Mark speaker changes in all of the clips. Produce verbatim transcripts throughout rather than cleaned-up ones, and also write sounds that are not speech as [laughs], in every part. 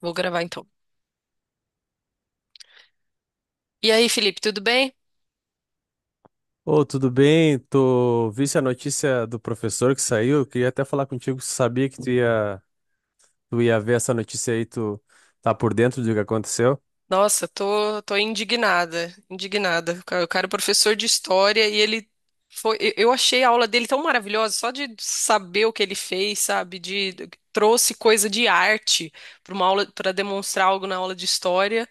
Speaker 1: Vou gravar então. E aí, Felipe, tudo bem?
Speaker 2: Ô, tudo bem? Tô... Visse a notícia do professor que saiu. Eu queria até falar contigo. Sabia que tu ia, tu ia ver essa notícia aí. Tu tá por dentro do que aconteceu?
Speaker 1: Nossa, tô, tô indignada, indignada. O cara o cara é professor de história e ele foi. Eu eu achei a aula dele tão maravilhosa, só de saber o que ele fez, sabe? De trouxe coisa de arte para uma aula, para demonstrar algo na aula de história.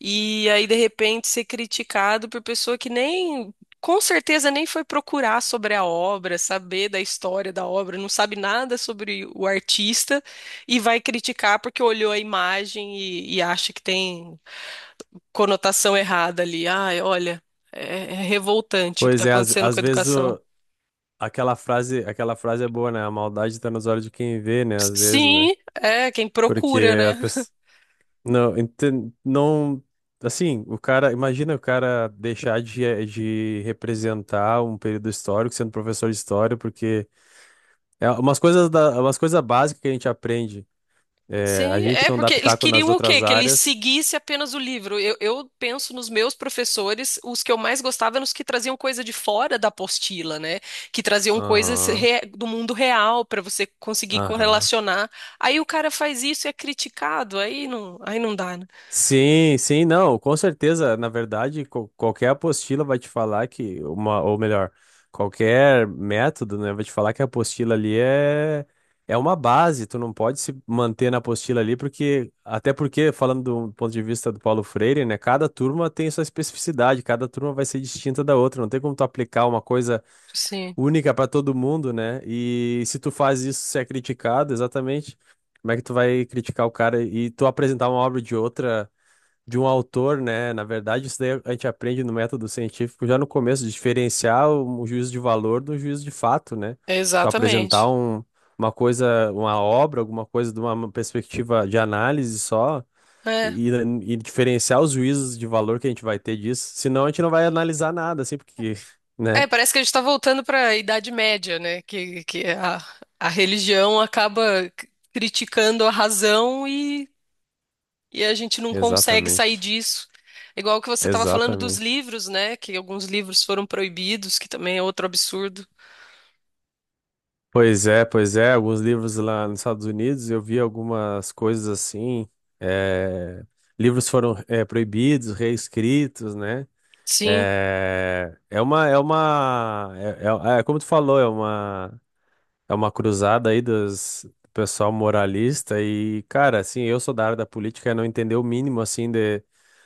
Speaker 1: E aí, de repente, ser criticado por pessoa que nem, com certeza, nem foi procurar sobre a obra, saber da história da obra, não sabe nada sobre o artista e vai criticar porque olhou a imagem e, e acha que tem conotação errada ali. Ai, olha, é, é revoltante o que está
Speaker 2: Pois é, às,
Speaker 1: acontecendo com
Speaker 2: às
Speaker 1: a
Speaker 2: vezes
Speaker 1: educação.
Speaker 2: o- aquela frase, aquela frase é boa, né? A maldade tá nos olhos de quem vê, né?
Speaker 1: S-
Speaker 2: Às vezes, né?
Speaker 1: Sim, é quem
Speaker 2: Porque
Speaker 1: procura, né?
Speaker 2: a pe- Não, enten- não, assim, o cara, imagina o cara deixar de, de representar um período histórico sendo professor de história, porque é umas coisas da, umas coisas básicas que a gente aprende. É, a
Speaker 1: Sim,
Speaker 2: gente
Speaker 1: é
Speaker 2: não dá
Speaker 1: porque eles
Speaker 2: pitaco nas
Speaker 1: queriam o quê?
Speaker 2: outras
Speaker 1: Que ele
Speaker 2: áreas.
Speaker 1: seguisse apenas o livro. Eu, eu penso nos meus professores, os que eu mais gostava eram os que traziam coisa de fora da apostila, né? Que traziam coisas
Speaker 2: Aham,
Speaker 1: re- do mundo real para você conseguir
Speaker 2: aham.
Speaker 1: correlacionar. Aí o cara faz isso e é criticado, aí não, aí não dá, né?
Speaker 2: Sim, sim, não, com certeza. Na verdade, qual- qualquer apostila vai te falar que uma, ou melhor, qualquer método, né, vai te falar que a apostila ali é é uma base. Tu não pode se manter na apostila ali porque até porque falando do ponto de vista do Paulo Freire, né, cada turma tem sua especificidade, cada turma vai ser distinta da outra. Não tem como tu aplicar uma coisa
Speaker 1: Sim,
Speaker 2: única para todo mundo, né? E se tu faz isso, você é criticado, exatamente. Como é que tu vai criticar o cara e tu apresentar uma obra de outra? De um autor, né? Na verdade, isso daí a gente aprende no método científico já no começo, diferenciar o o juízo de valor do juízo de fato, né? Tu apresentar
Speaker 1: exatamente.
Speaker 2: um, uma coisa, uma obra, alguma coisa de uma perspectiva de análise só
Speaker 1: É.
Speaker 2: e, e diferenciar os juízos de valor que a gente vai ter disso, senão a gente não vai analisar nada, assim, porque, [laughs]
Speaker 1: É,
Speaker 2: né?
Speaker 1: parece que a gente está voltando para a Idade Média, né? Que, que a, a religião acaba c- criticando a razão e a gente não consegue sair
Speaker 2: Exatamente.
Speaker 1: disso. Igual que você estava falando dos
Speaker 2: Exatamente.
Speaker 1: livros, né? Que alguns livros foram proibidos, que também é outro absurdo.
Speaker 2: Pois é, pois é. Alguns livros lá nos Estados Unidos, eu vi algumas coisas assim. eh, Livros foram eh, proibidos, reescritos, né?
Speaker 1: Sim,
Speaker 2: Eh, É uma, é uma, é, é- é como tu falou, é uma, é uma cruzada aí dos do pessoal moralista e, cara, assim, eu sou da área da política e não entender o mínimo, assim, de,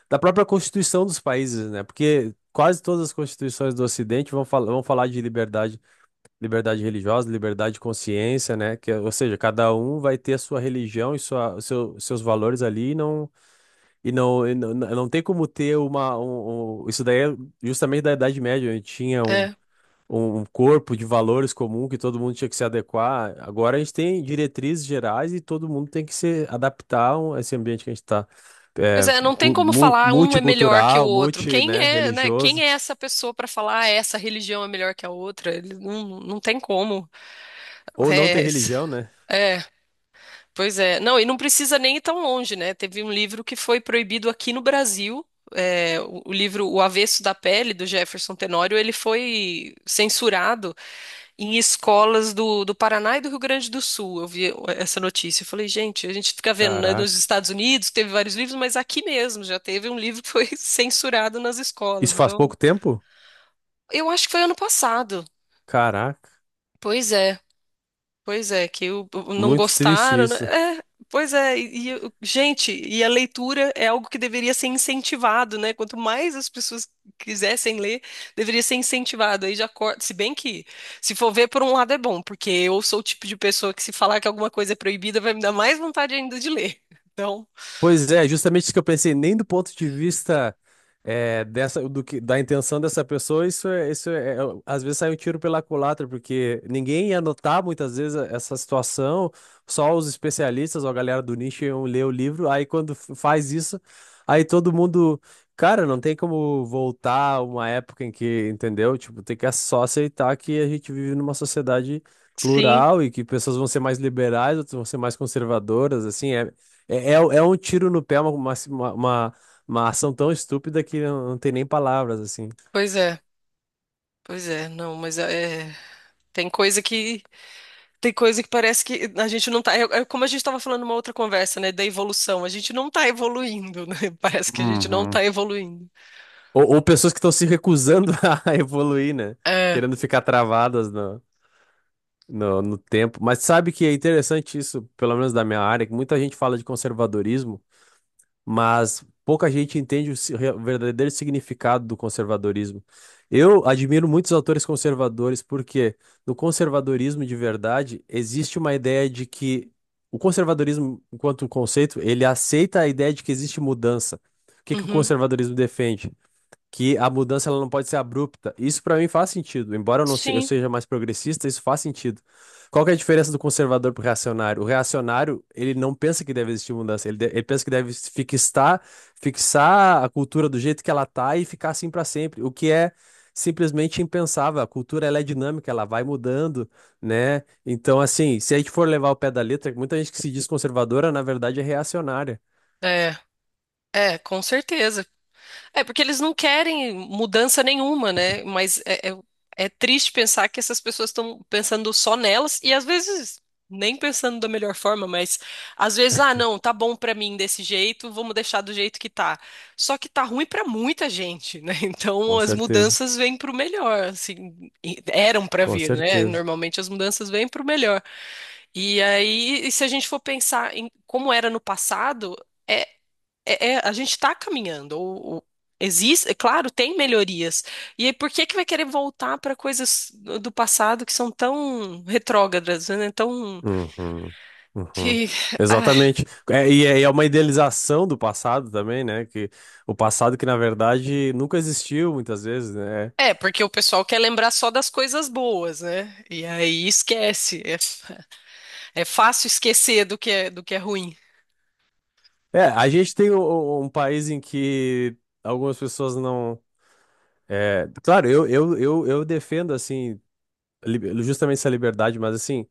Speaker 2: da própria Constituição dos países, né? Porque quase todas as constituições do Ocidente vão, fal vão falar de liberdade. Liberdade religiosa, liberdade de consciência, né? Que, ou seja, cada um vai ter a sua religião e sua, o seu, seus valores ali e não, e não, e não, não tem como ter uma. Um, um- isso daí é justamente da Idade Média, onde tinha um,
Speaker 1: é.
Speaker 2: um um corpo de valores comum que todo mundo tinha que se adequar. Agora a gente tem diretrizes gerais e todo mundo tem que se adaptar a esse ambiente que a gente está.
Speaker 1: Pois
Speaker 2: É,
Speaker 1: é, não tem
Speaker 2: cu-
Speaker 1: como
Speaker 2: mu-
Speaker 1: falar um é melhor que o
Speaker 2: multicultural,
Speaker 1: outro.
Speaker 2: multi,
Speaker 1: Quem
Speaker 2: né,
Speaker 1: é, né? Quem
Speaker 2: religioso.
Speaker 1: é essa pessoa para falar "Ah, essa religião é melhor que a outra? Ele não, não tem como.
Speaker 2: Ou não ter
Speaker 1: É,
Speaker 2: religião, né?
Speaker 1: é, pois é. Não, e não precisa nem ir tão longe, né? Teve um livro que foi proibido aqui no Brasil. É, o o livro O Avesso da Pele, do Jefferson Tenório, ele foi censurado em escolas do, do Paraná e do Rio Grande do Sul. Eu vi essa notícia. Eu falei, gente, a gente fica vendo, né, nos
Speaker 2: Caraca.
Speaker 1: Estados Unidos teve vários livros, mas aqui mesmo já teve um livro que foi [laughs] censurado nas escolas.
Speaker 2: Isso faz
Speaker 1: Então,
Speaker 2: pouco tempo?
Speaker 1: eu acho que foi ano passado.
Speaker 2: Caraca,
Speaker 1: Pois é. Pois é, que o, o- não
Speaker 2: muito triste
Speaker 1: gostaram, né?
Speaker 2: isso.
Speaker 1: É, pois é, e, e o- gente, e a leitura é algo que deveria ser incentivado, né? Quanto mais as pessoas quisessem ler, deveria ser incentivado. Aí já corta, se bem que, se for ver por um lado é bom, porque eu sou o tipo de pessoa que se falar que alguma coisa é proibida, vai me dar mais vontade ainda de ler. [laughs] Então,
Speaker 2: Pois é, justamente isso que eu pensei, nem do ponto de vista eh, dessa, do que, da intenção dessa pessoa, isso é, isso é, é- às vezes sai um tiro pela culatra, porque ninguém ia notar muitas vezes a- essa situação, só os especialistas ou a galera do nicho iam ler o livro, aí quando f- faz isso, aí todo mundo, cara, não tem como voltar a uma época em que, entendeu? Tipo, tem que só aceitar que a gente vive numa sociedade
Speaker 1: sim,
Speaker 2: plural e que pessoas vão ser mais liberais, outras vão ser mais conservadoras, assim, é é, é, é um tiro no pé, uma, uma, uma, uma ação tão estúpida que não, não tem nem palavras, assim.
Speaker 1: pois é, pois é, não, mas é, tem coisa que Tem coisa que parece que a gente não tá. É é como a gente estava falando numa outra conversa, né? Da evolução. A gente não tá evoluindo, né? [laughs] Parece que a gente não
Speaker 2: Uhum.
Speaker 1: tá evoluindo.
Speaker 2: Ou, ou pessoas que estão se recusando [laughs] a evoluir, né?
Speaker 1: É.
Speaker 2: Querendo ficar travadas no, no, no tempo. Mas sabe que é interessante isso, pelo menos da minha área, que muita gente fala de conservadorismo, mas pouca gente entende o si- o verdadeiro significado do conservadorismo. Eu admiro muitos autores conservadores porque no conservadorismo de verdade existe uma ideia de que o conservadorismo, enquanto conceito, ele aceita a ideia de que existe mudança. O que que o
Speaker 1: Uhum.
Speaker 2: conservadorismo defende? Que a mudança ela não pode ser abrupta. Isso para mim faz sentido, embora eu não se- eu
Speaker 1: Sim.
Speaker 2: seja mais progressista, isso faz sentido. Qual que é a diferença do conservador pro reacionário? O reacionário, ele não pensa que deve existir mudança, ele, de- ele pensa que deve fixar, fixar a cultura do jeito que ela tá e ficar assim para sempre, o que é simplesmente impensável. A cultura ela é dinâmica, ela vai mudando, né? Então, assim, se a gente for levar o pé da letra, muita gente que se diz conservadora, na verdade é reacionária.
Speaker 1: É. É, com certeza. É porque eles não querem mudança nenhuma, né? Mas é, é- é triste pensar que essas pessoas estão pensando só nelas e às vezes nem pensando da melhor forma, mas às vezes, ah, não, tá bom pra mim desse jeito, vamos deixar do jeito que tá. Só que tá ruim pra muita gente, né? [laughs]
Speaker 2: Com
Speaker 1: Então as
Speaker 2: certeza,
Speaker 1: mudanças vêm pro melhor, assim, e eram pra
Speaker 2: com
Speaker 1: vir, né?
Speaker 2: certeza.
Speaker 1: Normalmente as mudanças vêm pro melhor. E aí, e se a gente for pensar em como era no passado, é, é, é, a gente está caminhando. O, o- existe, é claro, tem melhorias. E aí, por que que vai querer voltar para coisas do do passado que são tão retrógradas, né? Tão
Speaker 2: Uhum, uhum.
Speaker 1: que ah,
Speaker 2: Exatamente. É, e é, e é uma idealização do passado também, né? Que o passado que, na verdade, nunca existiu muitas vezes, né? É,
Speaker 1: é porque o pessoal quer lembrar só das coisas boas, né? E aí esquece. É, f- é fácil esquecer do que é, do que é ruim.
Speaker 2: é, a gente tem um, um um país em que algumas pessoas não. É, claro, eu, eu, eu, eu defendo, assim, li- justamente essa liberdade, mas, assim,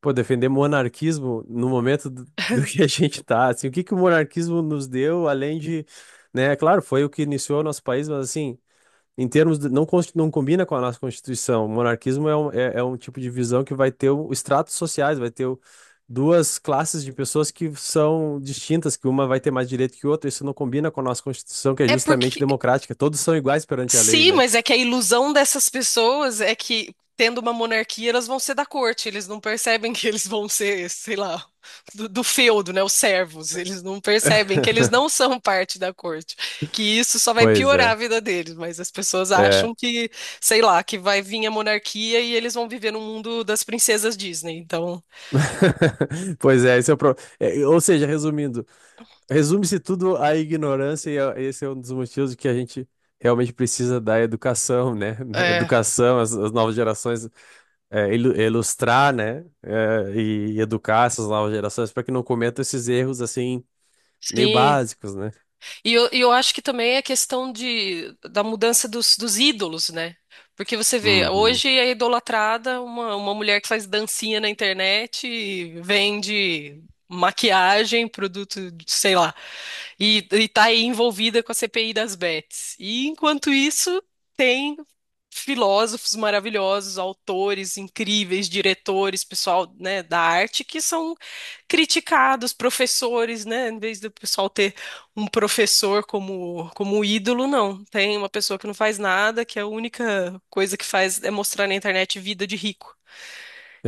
Speaker 2: pô, defender monarquismo no momento do, [laughs] do que a gente tá, assim, o que que o monarquismo nos deu, além de, né? Claro, foi o que iniciou o nosso país, mas, assim, em termos de, não, consti- não combina com a nossa Constituição. O monarquismo é um, é, é um tipo de visão que vai ter o- estratos sociais, vai ter o- duas classes de pessoas que são distintas, que uma vai ter mais direito que outra. Isso não combina com a nossa Constituição, que é
Speaker 1: É
Speaker 2: justamente
Speaker 1: porque
Speaker 2: democrática. Todos são iguais perante a lei,
Speaker 1: Sim,
Speaker 2: né?
Speaker 1: mas é que a ilusão dessas pessoas é que, tendo uma monarquia, elas vão ser da corte. Eles não percebem que eles vão ser, sei lá, do, do feudo, né? Os servos. Eles não percebem que eles
Speaker 2: [laughs]
Speaker 1: não são parte da corte. Que isso só vai
Speaker 2: Pois
Speaker 1: piorar a
Speaker 2: é.
Speaker 1: vida deles. Mas as pessoas
Speaker 2: É.
Speaker 1: acham que, sei lá, que vai vir a monarquia e eles vão viver no mundo das princesas Disney. Então,
Speaker 2: [laughs] Pois é, esse é o pro... É, ou seja, resumindo, resume-se tudo à ignorância e a- esse é um dos motivos que a gente realmente precisa da educação, né? [laughs]
Speaker 1: é.
Speaker 2: Educação, as, as novas gerações é, ilu- ilustrar, né, é, e educar essas novas gerações para que não cometam esses erros assim meio
Speaker 1: Sim,
Speaker 2: básicos, né?
Speaker 1: E eu, e eu acho que também é questão de, da mudança dos, dos ídolos, né? Porque você vê,
Speaker 2: Uhum.
Speaker 1: hoje é idolatrada uma, uma mulher que faz dancinha na internet e vende maquiagem, produto, de- sei lá, e, e tá aí envolvida com a C P I das bets. E enquanto isso, tem filósofos maravilhosos, autores incríveis, diretores, pessoal, né, da arte que são criticados, professores, né, em vez do pessoal ter um professor como, como ídolo, não. Tem uma pessoa que não faz nada, que é a única coisa que faz é mostrar na internet vida de rico.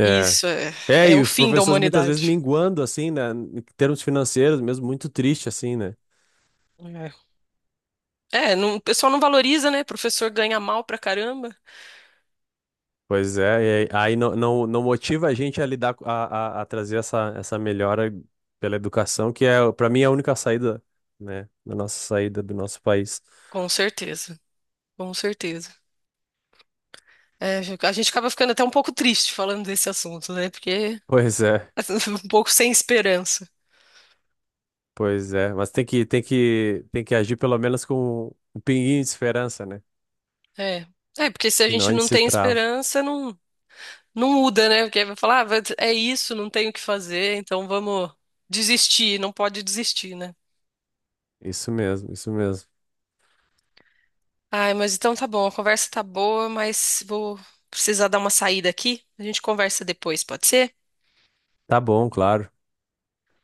Speaker 1: E isso é,
Speaker 2: É,
Speaker 1: é
Speaker 2: e
Speaker 1: o
Speaker 2: os
Speaker 1: fim da
Speaker 2: professores muitas vezes
Speaker 1: humanidade.
Speaker 2: minguando assim, né, em termos financeiros mesmo, muito triste assim, né?
Speaker 1: É, é, não- o pessoal não valoriza, né? Professor ganha mal pra caramba.
Speaker 2: Pois é, e aí aí não, não, não motiva a gente a lidar, co- a, a, a trazer essa, essa melhora pela educação, que é, para mim, é a única saída, né, da nossa saída do nosso país.
Speaker 1: Com certeza, com certeza. É, a gente acaba ficando até um pouco triste falando desse assunto, né? Porque
Speaker 2: Pois é.
Speaker 1: [laughs] um pouco sem esperança.
Speaker 2: Pois é, mas tem que, tem que, tem que agir pelo menos com um pinguinho de esperança, né?
Speaker 1: É, é porque se a
Speaker 2: Senão
Speaker 1: gente
Speaker 2: a gente
Speaker 1: não
Speaker 2: se
Speaker 1: tem
Speaker 2: trava.
Speaker 1: esperança, não. Não muda, né? Porque aí vai falar, ah, vai- é isso, não tenho o que fazer, então vamos desistir, não pode desistir, né?
Speaker 2: Isso mesmo, isso mesmo.
Speaker 1: Ai, mas então tá bom, a conversa tá boa, mas vou precisar dar uma saída aqui. A gente conversa depois, pode ser?
Speaker 2: Tá bom, claro.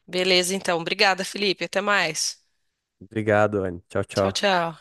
Speaker 1: Beleza, então. Obrigada, Felipe. Até mais.
Speaker 2: Obrigado, Anne. Tchau,
Speaker 1: Tchau,
Speaker 2: tchau.
Speaker 1: tchau.